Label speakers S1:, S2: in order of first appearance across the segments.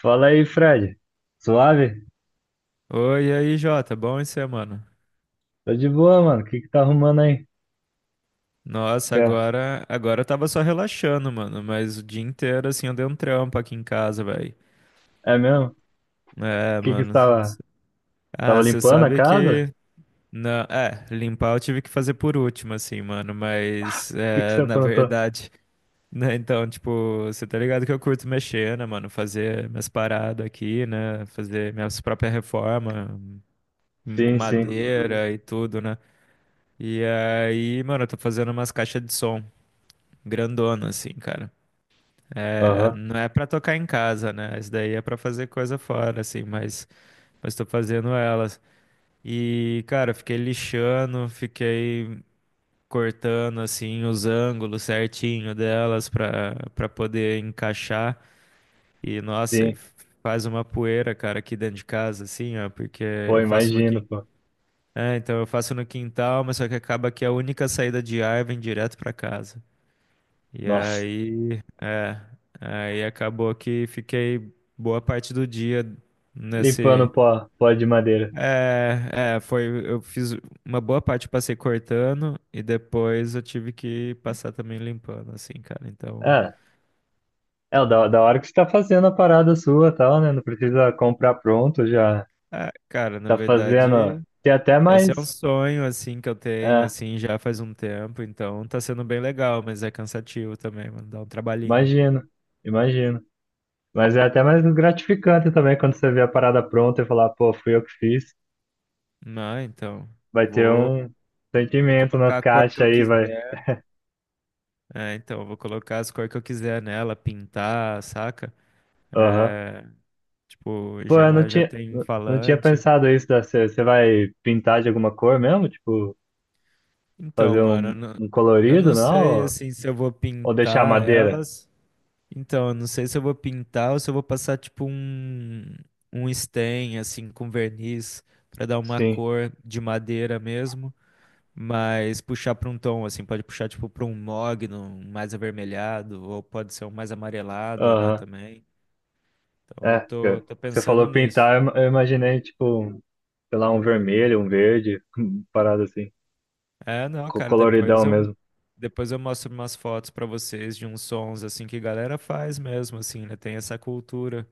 S1: Fala aí, Fred. Suave?
S2: Oi, e aí, Jota, bom isso aí, mano?
S1: Tô de boa, mano. O que que tá arrumando aí?
S2: Nossa,
S1: Tá.
S2: agora eu tava só relaxando, mano, mas o dia inteiro, assim, eu dei um trampo aqui em casa, velho.
S1: É mesmo? O
S2: É,
S1: que que você
S2: mano.
S1: tava, tava
S2: Ah, você
S1: limpando a
S2: sabe
S1: casa?
S2: que... Não, é, limpar eu tive que fazer por último, assim, mano, mas,
S1: O que que você
S2: é, na
S1: aprontou?
S2: verdade, né, então, tipo, você tá ligado que eu curto mexer, né, mano, fazer minhas paradas aqui, né, fazer minhas próprias reformas com
S1: Sim, sim.
S2: madeira e tudo, né. E aí, mano, eu tô fazendo umas caixas de som, grandona, assim, cara. É,
S1: Aham,
S2: não é pra tocar em casa, né? Isso daí é pra fazer coisa fora, assim, mas, tô fazendo elas. E, cara, eu fiquei lixando, fiquei cortando, assim, os ângulos certinho delas pra poder encaixar. E, nossa, e
S1: sim.
S2: faz uma poeira, cara, aqui dentro de casa, assim, ó, porque
S1: Pô,
S2: eu faço no
S1: imagino,
S2: quintal.
S1: pô.
S2: É, então eu faço no quintal, mas só que acaba que a única saída de ar vem direto pra casa. E
S1: Nossa,
S2: aí, é, aí acabou que fiquei boa parte do dia nesse.
S1: limpando pó, pó de madeira.
S2: É, é, foi. Eu fiz uma boa parte, passei cortando e depois eu tive que passar também limpando, assim, cara. Então,
S1: É, é o da, da hora que você tá fazendo a parada sua, e tal, né? Não precisa comprar pronto, já
S2: é, cara, na
S1: tá fazendo.
S2: verdade,
S1: Tem até
S2: esse é um
S1: mais.
S2: sonho, assim, que eu tenho,
S1: É,
S2: assim, já faz um tempo. Então, tá sendo bem legal, mas é cansativo também, mano, dá um trabalhinho.
S1: imagino, imagino. Mas é até mais gratificante também quando você vê a parada pronta e falar, pô, fui eu que fiz.
S2: Não, então,
S1: Vai ter
S2: vou,
S1: um
S2: vou
S1: sentimento nas
S2: colocar a cor
S1: caixas
S2: que eu
S1: aí, vai.
S2: quiser. É, então, eu vou colocar as cores que eu quiser nela, pintar, saca?
S1: Aham.
S2: É, tipo,
S1: Pô, eu não
S2: já
S1: tinha,
S2: tem um
S1: não tinha
S2: falante.
S1: pensado isso. Da, você, você vai pintar de alguma cor mesmo? Tipo,
S2: Então,
S1: fazer
S2: mano, eu
S1: um,
S2: não,
S1: um
S2: eu
S1: colorido,
S2: não
S1: não?
S2: sei, assim, se eu vou
S1: Ou deixar
S2: pintar
S1: madeira?
S2: elas. Então, eu não sei se eu vou pintar ou se eu vou passar, tipo, um stain, assim, com verniz, pra dar uma
S1: Sim.
S2: cor de madeira mesmo. Mas puxar pra um tom, assim, pode puxar, tipo, pra um mogno mais avermelhado, ou pode ser um mais amarelado, né,
S1: Aham.
S2: também. Então eu
S1: É,
S2: tô,
S1: que-
S2: tô
S1: você
S2: pensando
S1: falou
S2: nisso.
S1: pintar, eu imaginei, tipo, um, sei lá, um vermelho, um verde, parada assim,
S2: É, não, cara, depois
S1: coloridão
S2: eu,
S1: mesmo.
S2: depois eu mostro umas fotos pra vocês de uns sons assim que galera faz mesmo, assim, né? Tem essa cultura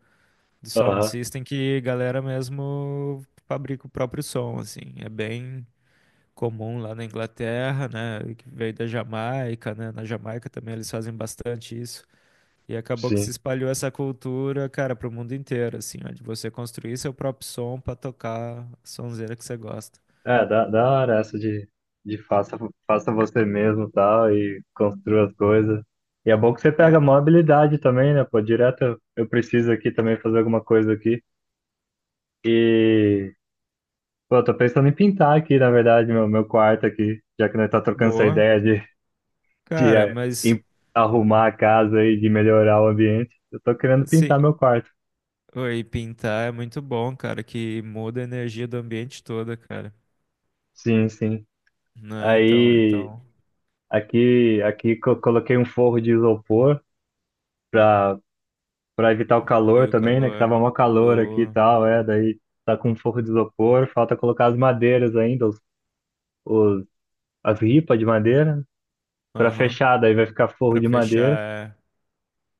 S2: de sound
S1: Aham.
S2: system que galera mesmo fabrica o próprio som, assim. É bem comum lá na Inglaterra, né? Que veio da Jamaica, né? Na Jamaica também eles fazem bastante isso. E acabou que se
S1: Sim.
S2: espalhou essa cultura, cara, pro mundo inteiro, assim, ó, de você construir seu próprio som pra tocar a sonzeira que você gosta.
S1: É, da, da hora essa de faça, faça você mesmo e tal, e construa as coisas. E é bom que você
S2: É,
S1: pega maior habilidade também, né? Pô, direto eu preciso aqui também fazer alguma coisa aqui. E, pô, eu tô pensando em pintar aqui, na verdade, meu quarto aqui, já que nós tá trocando essa
S2: boa.
S1: ideia de, de
S2: Cara,
S1: é,
S2: mas
S1: em- arrumar a casa e de melhorar o ambiente. Eu tô querendo
S2: assim,
S1: pintar meu quarto.
S2: oi, pintar é muito bom, cara, que muda a energia do ambiente toda, cara.
S1: Sim, sim.
S2: Né? Então,
S1: Aí,
S2: então
S1: aqui, coloquei um forro de isopor. Pra evitar o calor
S2: diminui o
S1: também, né? Que
S2: calor.
S1: tava mó calor aqui e
S2: Boa.
S1: tal, é. Daí tá com um forro de isopor, falta colocar as madeiras ainda, os- as ripas de madeira, né, pra
S2: Aham.
S1: fechar, daí vai ficar forro
S2: Pra
S1: de madeira.
S2: fechar,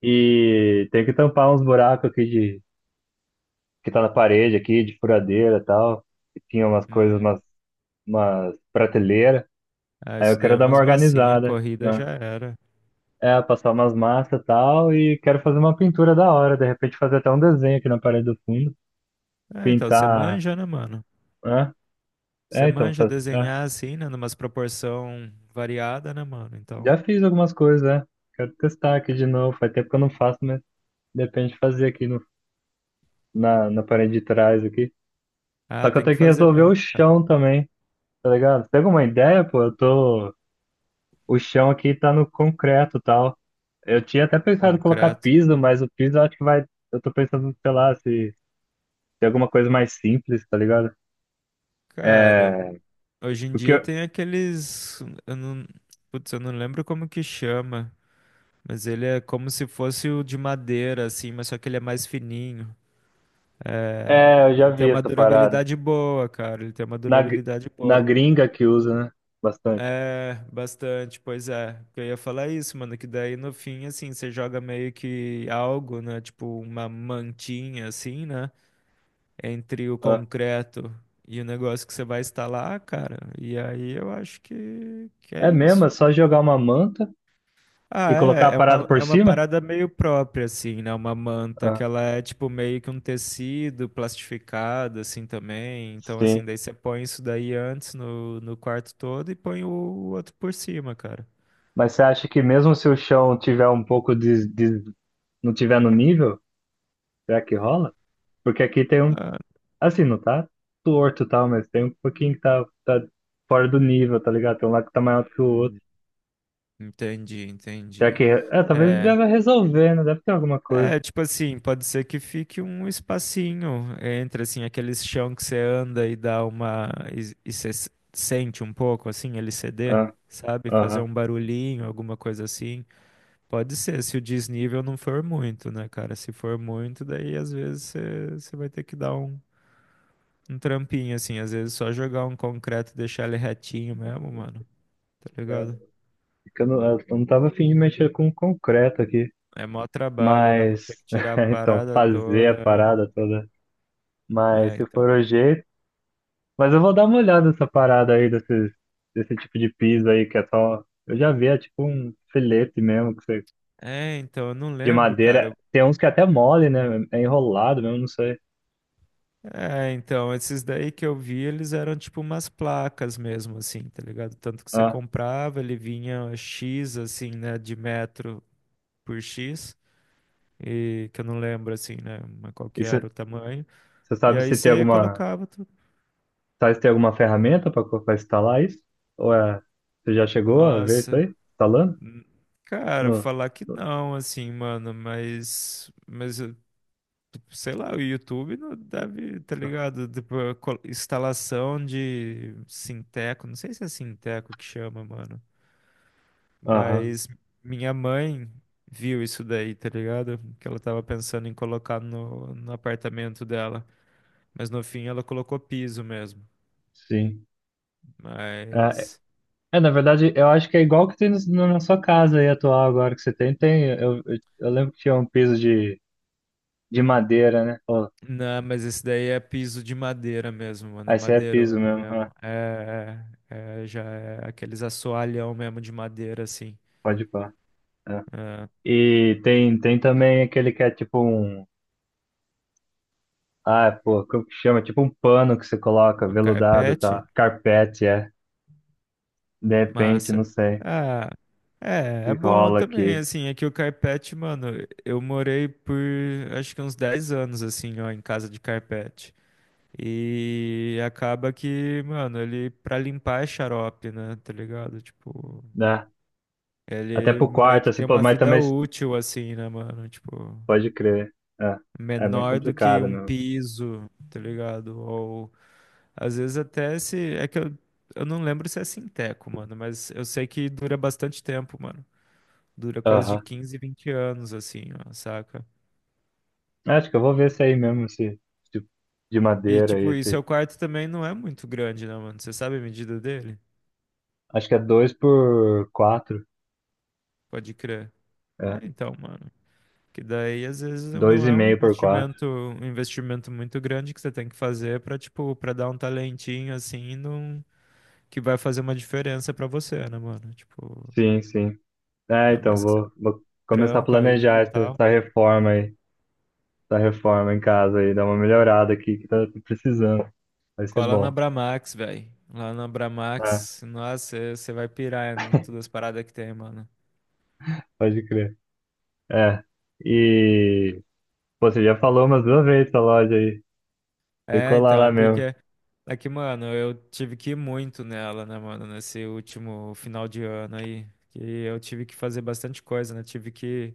S1: E tem que tampar uns buracos aqui de, que tá na parede aqui, de furadeira e tal. E tinha umas
S2: é,
S1: coisas,
S2: hum,
S1: umas, umas prateleiras.
S2: ah,
S1: Aí
S2: isso
S1: eu
S2: daí é
S1: quero dar uma
S2: umas massinhas,
S1: organizada,
S2: corrida
S1: né?
S2: já era.
S1: É, passar umas massas e tal, e quero fazer uma pintura da hora, de repente fazer até um desenho aqui na parede do fundo,
S2: Ah, então você
S1: pintar,
S2: manja, né, mano?
S1: né?
S2: Você
S1: É, então,
S2: manja
S1: faz, é.
S2: desenhar assim, né, numas proporção variada, né, mano?
S1: Já
S2: Então,
S1: fiz algumas coisas, né? Quero testar aqui de novo. Faz tempo que eu não faço, mas depende de fazer aqui no, na, na parede de trás aqui.
S2: ah,
S1: Só que eu
S2: tem que
S1: tenho que
S2: fazer
S1: resolver o
S2: mesmo, cara.
S1: chão também, tá ligado? Você tem alguma ideia, pô? Eu tô. O chão aqui tá no concreto e tal. Eu tinha até pensado em colocar
S2: Concreto.
S1: piso, mas o piso eu acho que vai. Eu tô pensando, sei lá, se tem alguma coisa mais simples, tá ligado?
S2: Cara,
S1: É.
S2: hoje em
S1: Porque.
S2: dia
S1: eu-
S2: tem aqueles. Eu não... Putz, eu não lembro como que chama. Mas ele é como se fosse o de madeira, assim, mas só que ele é mais fininho. É,
S1: É, eu já
S2: ele tem
S1: vi
S2: uma
S1: essa parada.
S2: durabilidade boa, cara. Ele tem uma
S1: Na, gr-
S2: durabilidade
S1: na
S2: boa.
S1: gringa que usa, né? Bastante.
S2: É, bastante, pois é. Eu ia falar é isso, mano, que daí no fim, assim, você joga meio que algo, né? Tipo uma mantinha, assim, né? Entre o
S1: Ah,
S2: concreto e o negócio que você vai instalar, cara. E aí eu acho que é
S1: é mesmo, é
S2: isso.
S1: só jogar uma manta.
S2: Ah,
S1: E colocar a
S2: é, é
S1: parada
S2: uma,
S1: por
S2: é uma
S1: cima?
S2: parada meio própria, assim, né? Uma manta que
S1: Ah,
S2: ela é tipo meio que um tecido plastificado, assim, também. Então,
S1: sim.
S2: assim, daí você põe isso daí antes no quarto todo e põe o outro por cima, cara.
S1: Mas você acha que mesmo se o chão tiver um pouco não tiver no nível, será que rola? Porque aqui tem um,
S2: Ah,
S1: assim, não tá torto e tal, mas tem um pouquinho que tá, tá fora do nível, tá ligado? Tem um lá que tá maior do que o outro.
S2: entendi,
S1: Será que,
S2: entendi.
S1: é, talvez
S2: É.
S1: deva resolver, né? Deve ter alguma coisa.
S2: É, tipo assim, pode ser que fique um espacinho entre, assim, aquele chão que você anda e dá uma... E você sente um pouco, assim, ele ceder,
S1: Ah,
S2: sabe? Fazer
S1: aham.
S2: um barulhinho, alguma coisa assim. Pode ser, se o desnível não for muito, né, cara? Se for muito, daí às vezes você vai ter que dar um, um trampinho, assim. Às vezes só jogar um concreto e deixar ele retinho mesmo, mano. Tá
S1: É
S2: ligado?
S1: que eu não, eu não tava afim de mexer com concreto aqui,
S2: É mó trabalho, né, mano? Tem
S1: mas,
S2: que tirar a
S1: então,
S2: parada
S1: fazer a
S2: toda,
S1: parada toda. Mas
S2: né?
S1: se for
S2: Então...
S1: o jeito, mas eu vou dar uma olhada nessa parada aí, desse, desse tipo de piso aí, que é só. Eu já vi, é tipo um filete mesmo, que você,
S2: É, então, eu não
S1: de
S2: lembro, cara.
S1: madeira. Tem uns que é até mole, né? É enrolado mesmo, não sei.
S2: É, então, esses daí que eu vi, eles eram tipo umas placas mesmo, assim, tá ligado? Tanto que você
S1: Ah,
S2: comprava, ele vinha X, assim, né, de metro por X, e que eu não lembro, assim, né, mas qual
S1: e
S2: que
S1: você
S2: era o tamanho.
S1: você
S2: E
S1: sabe
S2: aí
S1: se tem
S2: você
S1: alguma.
S2: colocava tudo.
S1: Sabe se tem alguma ferramenta pra instalar isso? Ou é. Você já chegou a ver isso
S2: Nossa,
S1: aí? Instalando?
S2: hum, cara,
S1: No...
S2: falar que
S1: no-
S2: não, assim, mano, mas tipo, sei lá, o YouTube não deve, tá ligado? Tipo, a instalação de Sinteco, não sei se é Sinteco que chama, mano.
S1: Aham,
S2: Mas minha mãe viu isso daí, tá ligado? Que ela tava pensando em colocar no, apartamento dela. Mas no fim ela colocou piso mesmo.
S1: sim. É,
S2: Mas.
S1: é, na verdade, eu acho que é igual que tem na sua casa aí atual agora que você tem. Tem, eu, eu lembro que tinha um piso de madeira, né?
S2: Não, mas esse daí é piso de madeira mesmo, mano. É
S1: Aí você é
S2: madeirona
S1: piso mesmo, ah,
S2: mesmo. É, é, é, já é aqueles assoalhão mesmo de madeira, assim.
S1: pode pá. É.
S2: É,
S1: E tem, tem também aquele que é tipo um. Ah, pô, como que chama? Tipo um pano que você coloca,
S2: o
S1: veludado,
S2: carpete.
S1: tá? Carpete, é. De repente,
S2: Massa.
S1: não sei.
S2: Ah, é,
S1: Se
S2: é bom
S1: rola
S2: também,
S1: aqui,
S2: assim, aqui o carpete, mano, eu morei por acho que uns 10 anos, assim, ó, em casa de carpete. E acaba que, mano, ele pra limpar é xarope, né, tá ligado? Tipo,
S1: né? Até
S2: ele
S1: pro
S2: meio
S1: quarto,
S2: que
S1: assim,
S2: tem
S1: pô,
S2: uma
S1: mas
S2: vida
S1: também
S2: útil, assim, né, mano? Tipo,
S1: pode crer. É, é meio
S2: menor do que
S1: complicado
S2: um
S1: mesmo.
S2: piso, tá ligado? Ou às vezes até se. É que eu, não lembro se é sinteco, mano, mas eu sei que dura bastante tempo, mano. Dura coisa de
S1: Aham.
S2: 15, 20 anos, assim, ó, saca?
S1: Acho que eu vou ver esse aí mesmo, esse tipo de
S2: E,
S1: madeira aí,
S2: tipo, e
S1: esse.
S2: seu quarto também não é muito grande, né, mano? Você sabe a medida dele?
S1: Acho que é dois por quatro.
S2: Pode crer.
S1: É.
S2: É, então, mano. Que daí, às vezes,
S1: Dois
S2: não
S1: e
S2: é um
S1: meio por quatro.
S2: investimento, um investimento muito grande que você tem que fazer pra, tipo, pra dar um talentinho, assim, num... que vai fazer uma diferença pra você, né, mano? Tipo,
S1: Sim, sim. É,
S2: ainda
S1: então
S2: mais que você
S1: vou, vou começar a
S2: trampa aí
S1: planejar
S2: e
S1: essa,
S2: tal.
S1: essa reforma aí, essa reforma em casa aí, dar uma melhorada aqui que tá tô precisando. Vai ser
S2: Cola na
S1: bom.
S2: Bramax, velho. Lá na
S1: É,
S2: Bramax, nossa, você vai pirar em todas as paradas que tem, mano.
S1: pode crer. É. E pô, você já falou umas duas vezes essa loja aí. Tem que
S2: É,
S1: colar
S2: então, é
S1: lá mesmo.
S2: porque é que, mano, eu tive que ir muito nela, né, mano, nesse último final de ano aí. Que eu tive que fazer bastante coisa, né? Tive que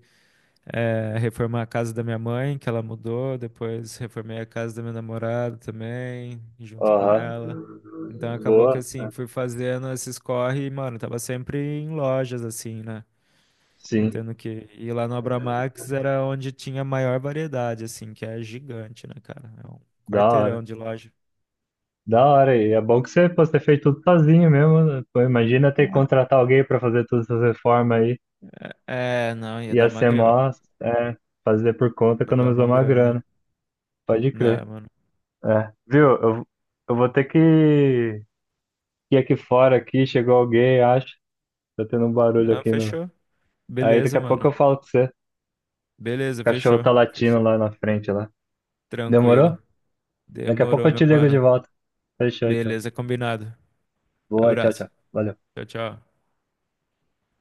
S2: reformar a casa da minha mãe, que ela mudou, depois reformei a casa da minha namorada também, junto com
S1: Aham.
S2: ela. Então acabou que
S1: Boa.
S2: assim, fui fazendo esses corre e, mano, tava sempre em lojas, assim, né? Eu
S1: Sim.
S2: tendo que ir lá no Abramax era onde tinha maior variedade, assim, que é gigante, né, cara? É um
S1: Da hora.
S2: quarteirão de loja.
S1: Da hora. E é bom que você, pô, você fez tudo sozinho mesmo, né? Pô, imagina ter que contratar alguém pra fazer todas essas reformas aí.
S2: É, não, ia
S1: E
S2: dar
S1: a
S2: uma grana.
S1: CMOS, é, fazer por conta
S2: Ia dar
S1: economizou
S2: uma
S1: uma
S2: grana.
S1: grana. Pode crer.
S2: Não, mano?
S1: É. Viu? Eu vou ter que ir aqui fora aqui, chegou alguém, acho. Tá tendo um barulho
S2: Não,
S1: aqui no.
S2: fechou.
S1: Aí daqui
S2: Beleza,
S1: a pouco
S2: mano.
S1: eu falo com você. O
S2: Beleza,
S1: cachorro
S2: fechou.
S1: tá latindo
S2: Fechou.
S1: lá na frente lá.
S2: Tranquilo.
S1: Demorou? Daqui a pouco
S2: Demorou,
S1: eu te
S2: meu
S1: ligo de
S2: mano.
S1: volta. Fechou, então.
S2: Beleza, combinado.
S1: Boa, tchau, tchau.
S2: Abraço.
S1: Valeu.
S2: Tchau, tchau.